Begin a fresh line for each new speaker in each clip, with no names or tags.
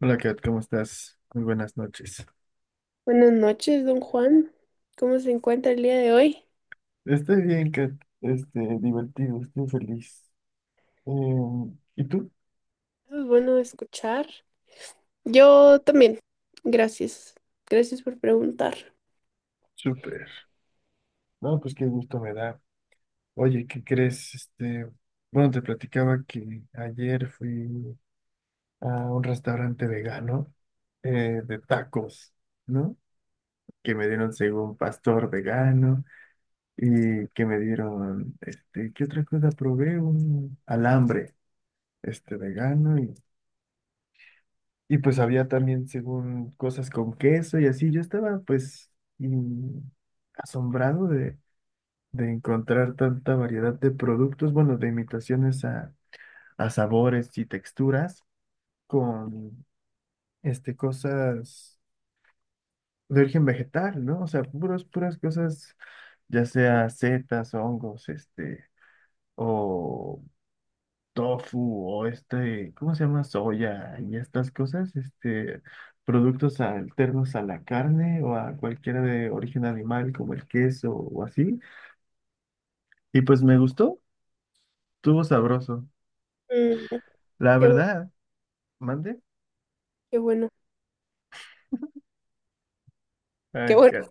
Hola Kat, ¿cómo estás? Muy buenas noches.
Buenas noches, don Juan. ¿Cómo se encuentra el día de hoy?
Estoy bien, Kat. Divertido, estoy feliz. ¿Y tú?
Es bueno escuchar. Yo también. Gracias. Gracias por preguntar.
Súper. No, pues qué gusto me da. Oye, ¿qué crees? Bueno, te platicaba que ayer fui a un restaurante vegano de tacos, ¿no? Que me dieron según pastor vegano y que me dieron, ¿qué otra cosa probé? Un alambre, vegano. Y pues había también, según cosas con queso y así, yo estaba pues mm, asombrado de encontrar tanta variedad de productos, bueno, de imitaciones a sabores y texturas con cosas de origen vegetal, ¿no? O sea, puras cosas, ya sea setas, hongos, o tofu o ¿cómo se llama? Soya y estas cosas, productos alternos a la carne o a cualquiera de origen animal como el queso o así. Y pues me gustó, estuvo sabroso.
Mm,
La
qué, bu-
verdad, mande.
Qué bueno. Qué
Ay,
bueno.
qué-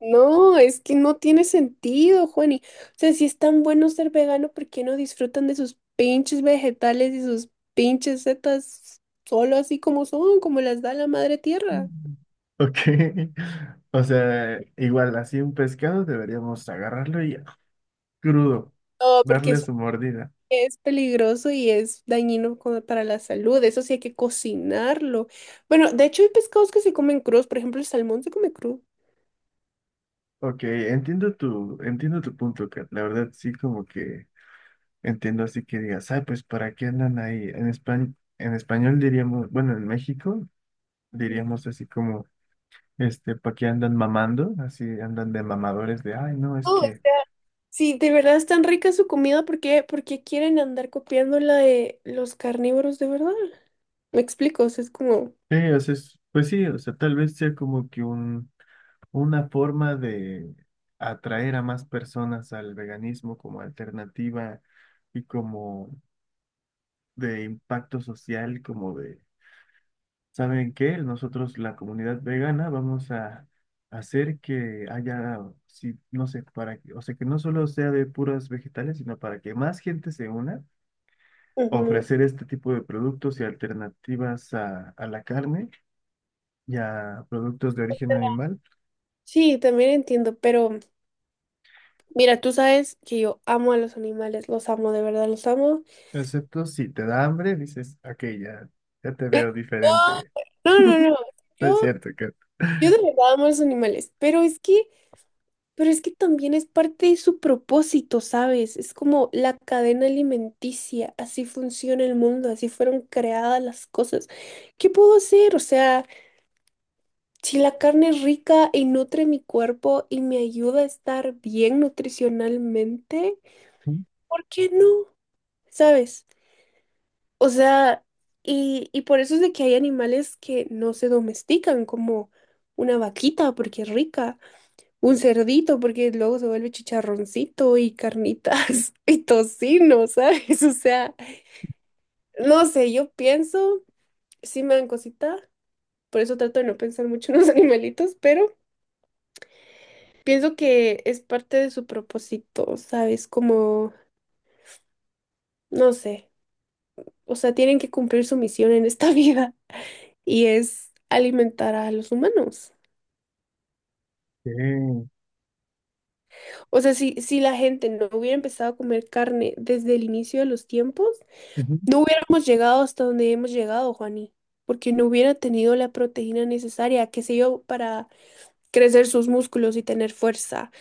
No, es que no tiene sentido, Juani. O sea, si es tan bueno ser vegano, ¿por qué no disfrutan de sus pinches vegetales y sus pinches setas solo así como son, como las da la madre tierra?
Mm. Ok, o sea, igual así un pescado deberíamos agarrarlo y crudo,
No, porque
darle su mordida.
es peligroso y es dañino para la salud, eso sí hay que cocinarlo. Bueno, de hecho hay pescados que se comen crudos, por ejemplo, el salmón se come crudo.
Ok, entiendo tu punto, Kat. La verdad sí como que entiendo así que digas, ah, pues ¿para qué andan ahí? En España, en español diríamos, bueno, en México
Mm.
diríamos así como, ¿para qué andan mamando? Así andan de mamadores de, ay, no, es
Oh,
que,
sí, de verdad es tan rica su comida, ¿por qué quieren andar copiando la de los carnívoros de verdad? Me explico, o sea, es como...
sí, o sea, es- pues sí, o sea, tal vez sea como que una forma de atraer a más personas al veganismo como alternativa y como de impacto social, como de ¿saben qué? Nosotros, la comunidad vegana, vamos a hacer que haya, sí, no sé, para que, o sea, que no solo sea de puras vegetales, sino para que más gente se una,
Ujú.
ofrecer este tipo de productos y alternativas a la carne y a productos de origen animal,
Sí, también entiendo, pero mira, tú sabes que yo amo a los animales, los amo, de verdad, los amo.
excepto si te da hambre, dices, ok, ya, ya te veo diferente.
No, no, no, no,
No es
yo,
cierto, que...
yo de verdad amo a los animales, pero es que... Pero es que también es parte de su propósito, ¿sabes? Es como la cadena alimenticia, así funciona el mundo, así fueron creadas las cosas. ¿Qué puedo hacer? O sea, si la carne es rica y nutre mi cuerpo y me ayuda a estar bien nutricionalmente, ¿por qué no? ¿Sabes? O sea, y por eso es de que hay animales que no se domestican, como una vaquita, porque es rica. Un cerdito, porque luego se vuelve chicharroncito y carnitas y tocino, ¿sabes? O sea, no sé, yo pienso, sí me dan cosita, por eso trato de no pensar mucho en los animalitos, pero pienso que es parte de su propósito, ¿sabes? Como, no sé, o sea, tienen que cumplir su misión en esta vida y es alimentar a los humanos. O sea, si la gente no hubiera empezado a comer carne desde el inicio de los tiempos,
Ok.
no hubiéramos llegado hasta donde hemos llegado, Juani, porque no hubiera tenido la proteína necesaria, qué sé yo, para crecer sus músculos y tener fuerza,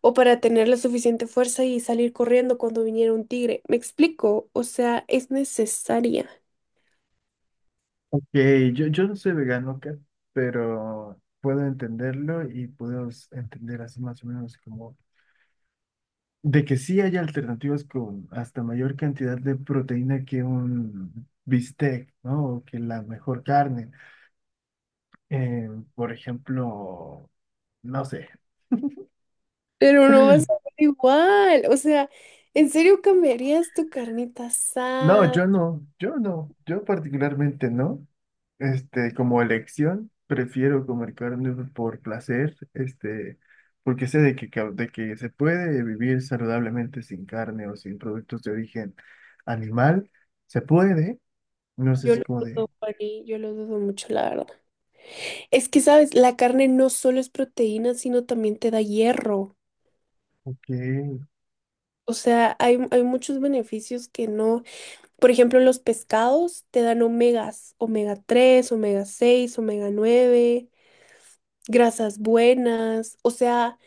o para tener la suficiente fuerza y salir corriendo cuando viniera un tigre. ¿Me explico? O sea, es necesaria,
Ok, yo no soy vegano acá, pero puedo entenderlo y puedo s- entender así más o menos como de que sí hay alternativas con hasta mayor cantidad de proteína que un bistec, ¿no? O que la mejor carne. Eh, por ejemplo, no sé.
pero no vas a ser igual. O sea, ¿en serio cambiarías tu carnita
No,
asada?
yo particularmente no. Como elección, prefiero comer carne por placer, porque sé de que, ca- de que se puede vivir saludablemente sin carne o sin productos de origen animal, se puede, no sé
Yo
si
lo
como
dudo,
de,
Juani, yo lo dudo mucho, la verdad. Es que, ¿sabes? La carne no solo es proteína, sino también te da hierro.
ok,
O sea, hay muchos beneficios que no. Por ejemplo, los pescados te dan omegas, omega-3 omega-6 omega-9 grasas buenas. O sea,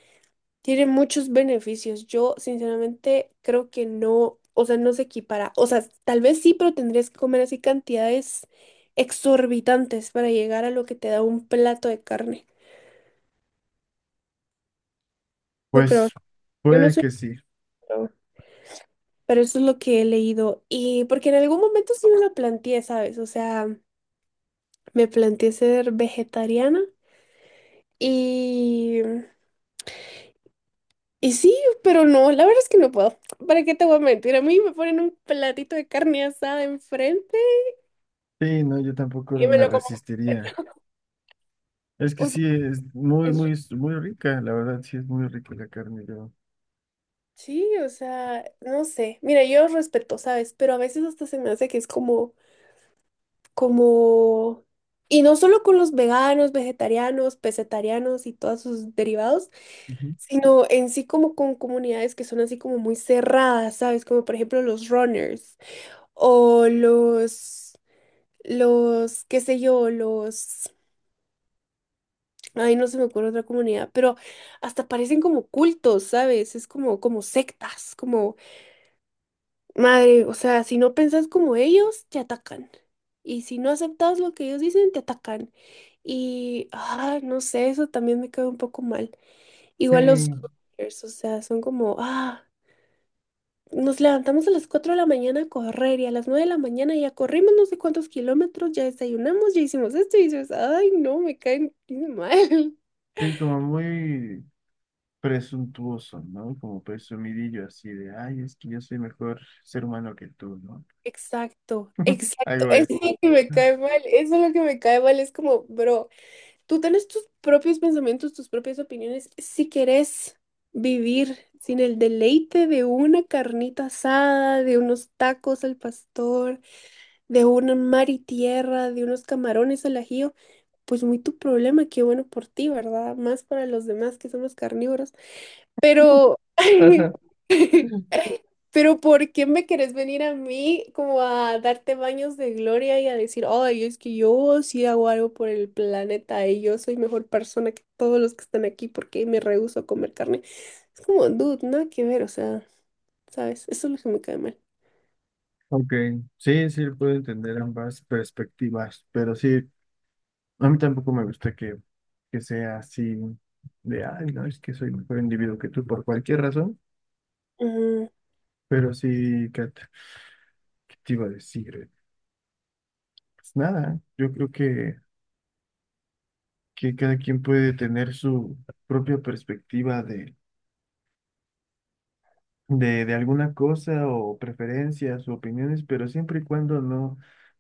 tiene muchos beneficios. Yo, sinceramente, creo que no, o sea, no se equipara. O sea, tal vez sí, pero tendrías que comer así cantidades exorbitantes para llegar a lo que te da un plato de carne. No creo.
pues
Yo no
puede
soy.
que sí.
Pro, Pero eso es lo que he leído. Y porque en algún momento sí me lo planteé, ¿sabes? O sea, me planteé ser vegetariana y... Y sí, pero no, la verdad es que no puedo. ¿Para qué te voy a mentir? A mí me ponen un platito de carne asada enfrente
Sí, no, yo tampoco
y me
me
lo como.
resistiría. Es que
O sea,
sí, es muy,
es
muy,
ri-
muy rica, la verdad, sí es muy rica la carne, yo.
sí, o sea, no sé. Mira, yo respeto, ¿sabes? Pero a veces hasta se me hace que es como, como... Y no solo con los veganos, vegetarianos, pesetarianos y todos sus derivados,
Ujú.
sino en sí como con comunidades que son así como muy cerradas, ¿sabes? Como por ejemplo los runners. O qué sé yo, ay, no se me ocurre otra comunidad, pero hasta parecen como cultos, ¿sabes? Es como, como sectas, como, madre, o sea, si no pensás como ellos, te atacan. Y si no aceptas lo que ellos dicen, te atacan. Y, ah, no sé, eso también me cae un poco mal.
Sí,
Igual los, o sea, son como, ah. Nos levantamos a las 4 de la mañana a correr y a las 9 de la mañana ya corrimos no sé cuántos kilómetros, ya desayunamos, ya hicimos esto y dices, ay, no, me caen mal.
sí, como muy presuntuoso, ¿no? Como presumidillo así de, ay, es que yo soy mejor ser humano que tú, ¿no?
Exacto, exacto,
Hago
eso es lo
esto.
que me cae mal, eso es lo que me cae mal, es como, bro, tú tienes tus propios pensamientos, tus propias opiniones, si querés vivir sin el deleite de una carnita asada, de unos tacos al pastor, de un mar y tierra, de unos camarones al ajillo, pues muy tu problema, qué bueno por ti, ¿verdad? Más para los demás que somos carnívoros. Pero,
Ajá.
pero ¿por qué me querés venir a mí como a darte baños de gloria y a decir, ay, es que yo sí hago algo por el planeta y yo soy mejor persona que todos los que están aquí porque me rehúso a comer carne? Es como, dude, nada que ver, o sea, ¿sabes? Eso es lo que me cae mal.
Ok, sí, sí, puedo entender ambas perspectivas, pero sí, a mí tampoco me gusta que sea así de, ay, no, es que soy mejor individuo que tú por cualquier razón,
Ujú,
pero sí, Kat, ¿qué te iba a decir? Pues nada, yo creo que cada quien puede tener su propia perspectiva de alguna cosa o preferencias o opiniones, pero siempre y cuando no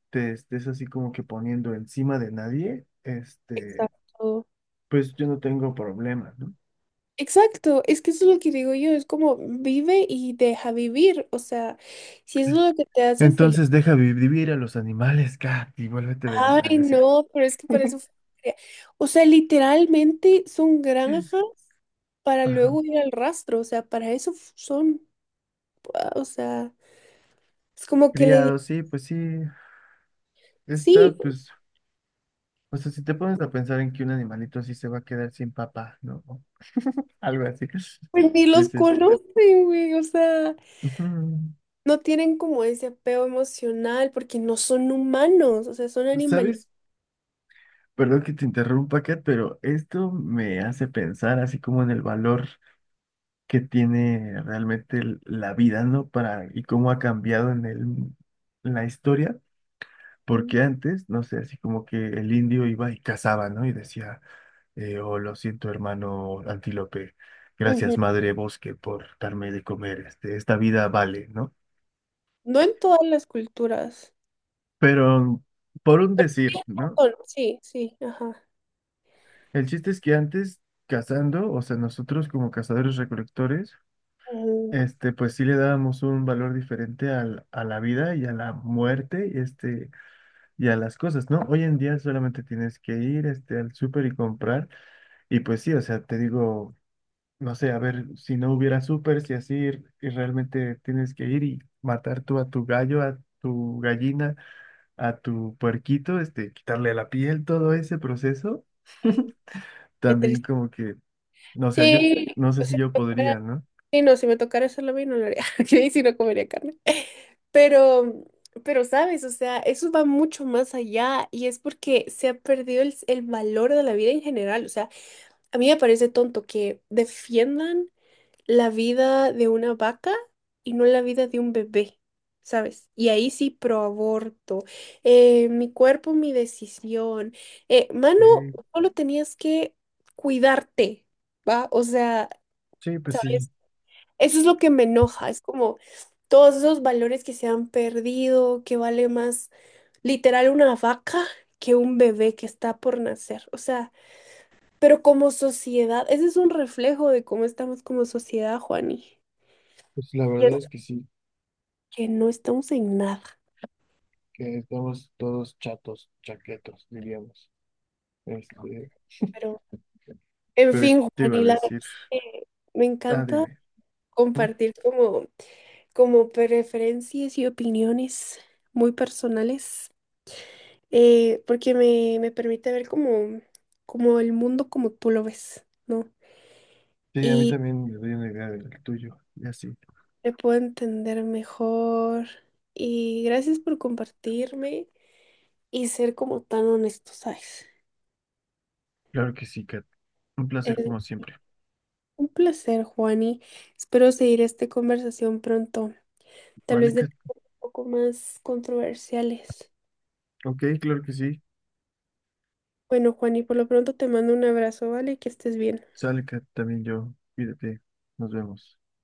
te estés así como que poniendo encima de nadie,
exacto.
pues yo no tengo problema, ¿no?
Exacto, es que eso es lo que digo yo, es como vive y deja vivir, o sea, si eso es lo que te hace feliz.
Entonces deja vi- vivir a los animales, Kat, y vuélvete vegana,
Ay,
¿no es cierto?
no, pero es que para eso crea- o sea, literalmente son granjas para
Ajá.
luego ir al rastro, o sea, para eso son, ah, o sea, es como que le digo,
Criado, sí, pues sí, está,
sí,
pues, o sea, si te pones a pensar en que un animalito así se va a quedar sin papá, ¿no? O algo así,
pues ni los
pues es...
conocen, güey, o sea,
ujú.
no tienen como ese apego emocional porque no son humanos, o sea, son animalitos.
¿Sabes? Perdón que te interrumpa, Kat, pero esto me hace pensar así como en el valor que tiene realmente el- la vida, ¿no? Para, y cómo ha cambiado en el, en la historia, porque antes, no sé, así como que el indio iba y cazaba, ¿no? Y decía, oh, lo siento, hermano antílope,
Ujú.
gracias, madre bosque, por darme de comer, esta vida vale, ¿no?
No en todas las culturas.
Pero por un
Sí,
decir, ¿no?
Japón, sí, sí, ajá.
El chiste es que antes, cazando, o sea, nosotros como cazadores recolectores,
Mm,
pues sí le dábamos un valor diferente al- a la vida y a la muerte, y a las cosas, ¿no? Hoy en día solamente tienes que ir, al súper y comprar, y pues sí, o sea, te digo, no sé, a ver, si no hubiera súper, si así, y realmente tienes que ir y matar tú a tu gallo, a tu gallina, a tu puerquito, quitarle la piel, todo ese proceso,
qué qué
también
triste.
como que, no sé, yo,
Sí,
no sé
si
si yo
me tocara,
podría, ¿no?
sí, no, si me tocara hacerlo a mí no lo haría, y si no comería carne. Pero, pero sabes, o sea, eso va mucho más allá y es porque se ha perdido el valor de la vida en general. O sea, a mí me parece tonto que defiendan la vida de una vaca y no la vida de un bebé, ¿sabes? Y ahí sí pro aborto, mi cuerpo, mi decisión. Mano,
Sí,
solo tenías que cuidarte, ¿va? O sea,
sí,
¿sabes? Eso es lo que me enoja, es como todos esos valores que se han perdido, que vale más literal una vaca que un bebé que está por nacer. O sea, pero como sociedad, ese es un reflejo de cómo estamos como sociedad, Juani,
pues la verdad es que sí.
que no estamos en nada.
Que estamos todos chatos, chaquetos, diríamos. Este,
Pero, en
pero
fin,
¿qué te
Juan,
iba a
y la verdad
decir?
es que me
Ah,
encanta
dime. ¿Mm?
compartir como, como preferencias y opiniones muy personales, porque me permite ver como, como el mundo como tú lo ves, ¿no?
Sí, a mí
Y
también me doy una idea del tuyo. Y así.
te puedo entender mejor. Y gracias por compartirme y ser como tan honesto, ¿sabes?
Claro que sí, Kat. Un
Es
placer como siempre.
un placer, Juani. Espero seguir esta conversación pronto. Tal
Vale,
vez de
Kat.
poco más controversiales.
Ok, claro que sí.
Bueno, Juan, y por lo pronto te mando un abrazo, ¿vale? Que estés bien.
Sale, Kat, también yo. Cuídate. Nos vemos.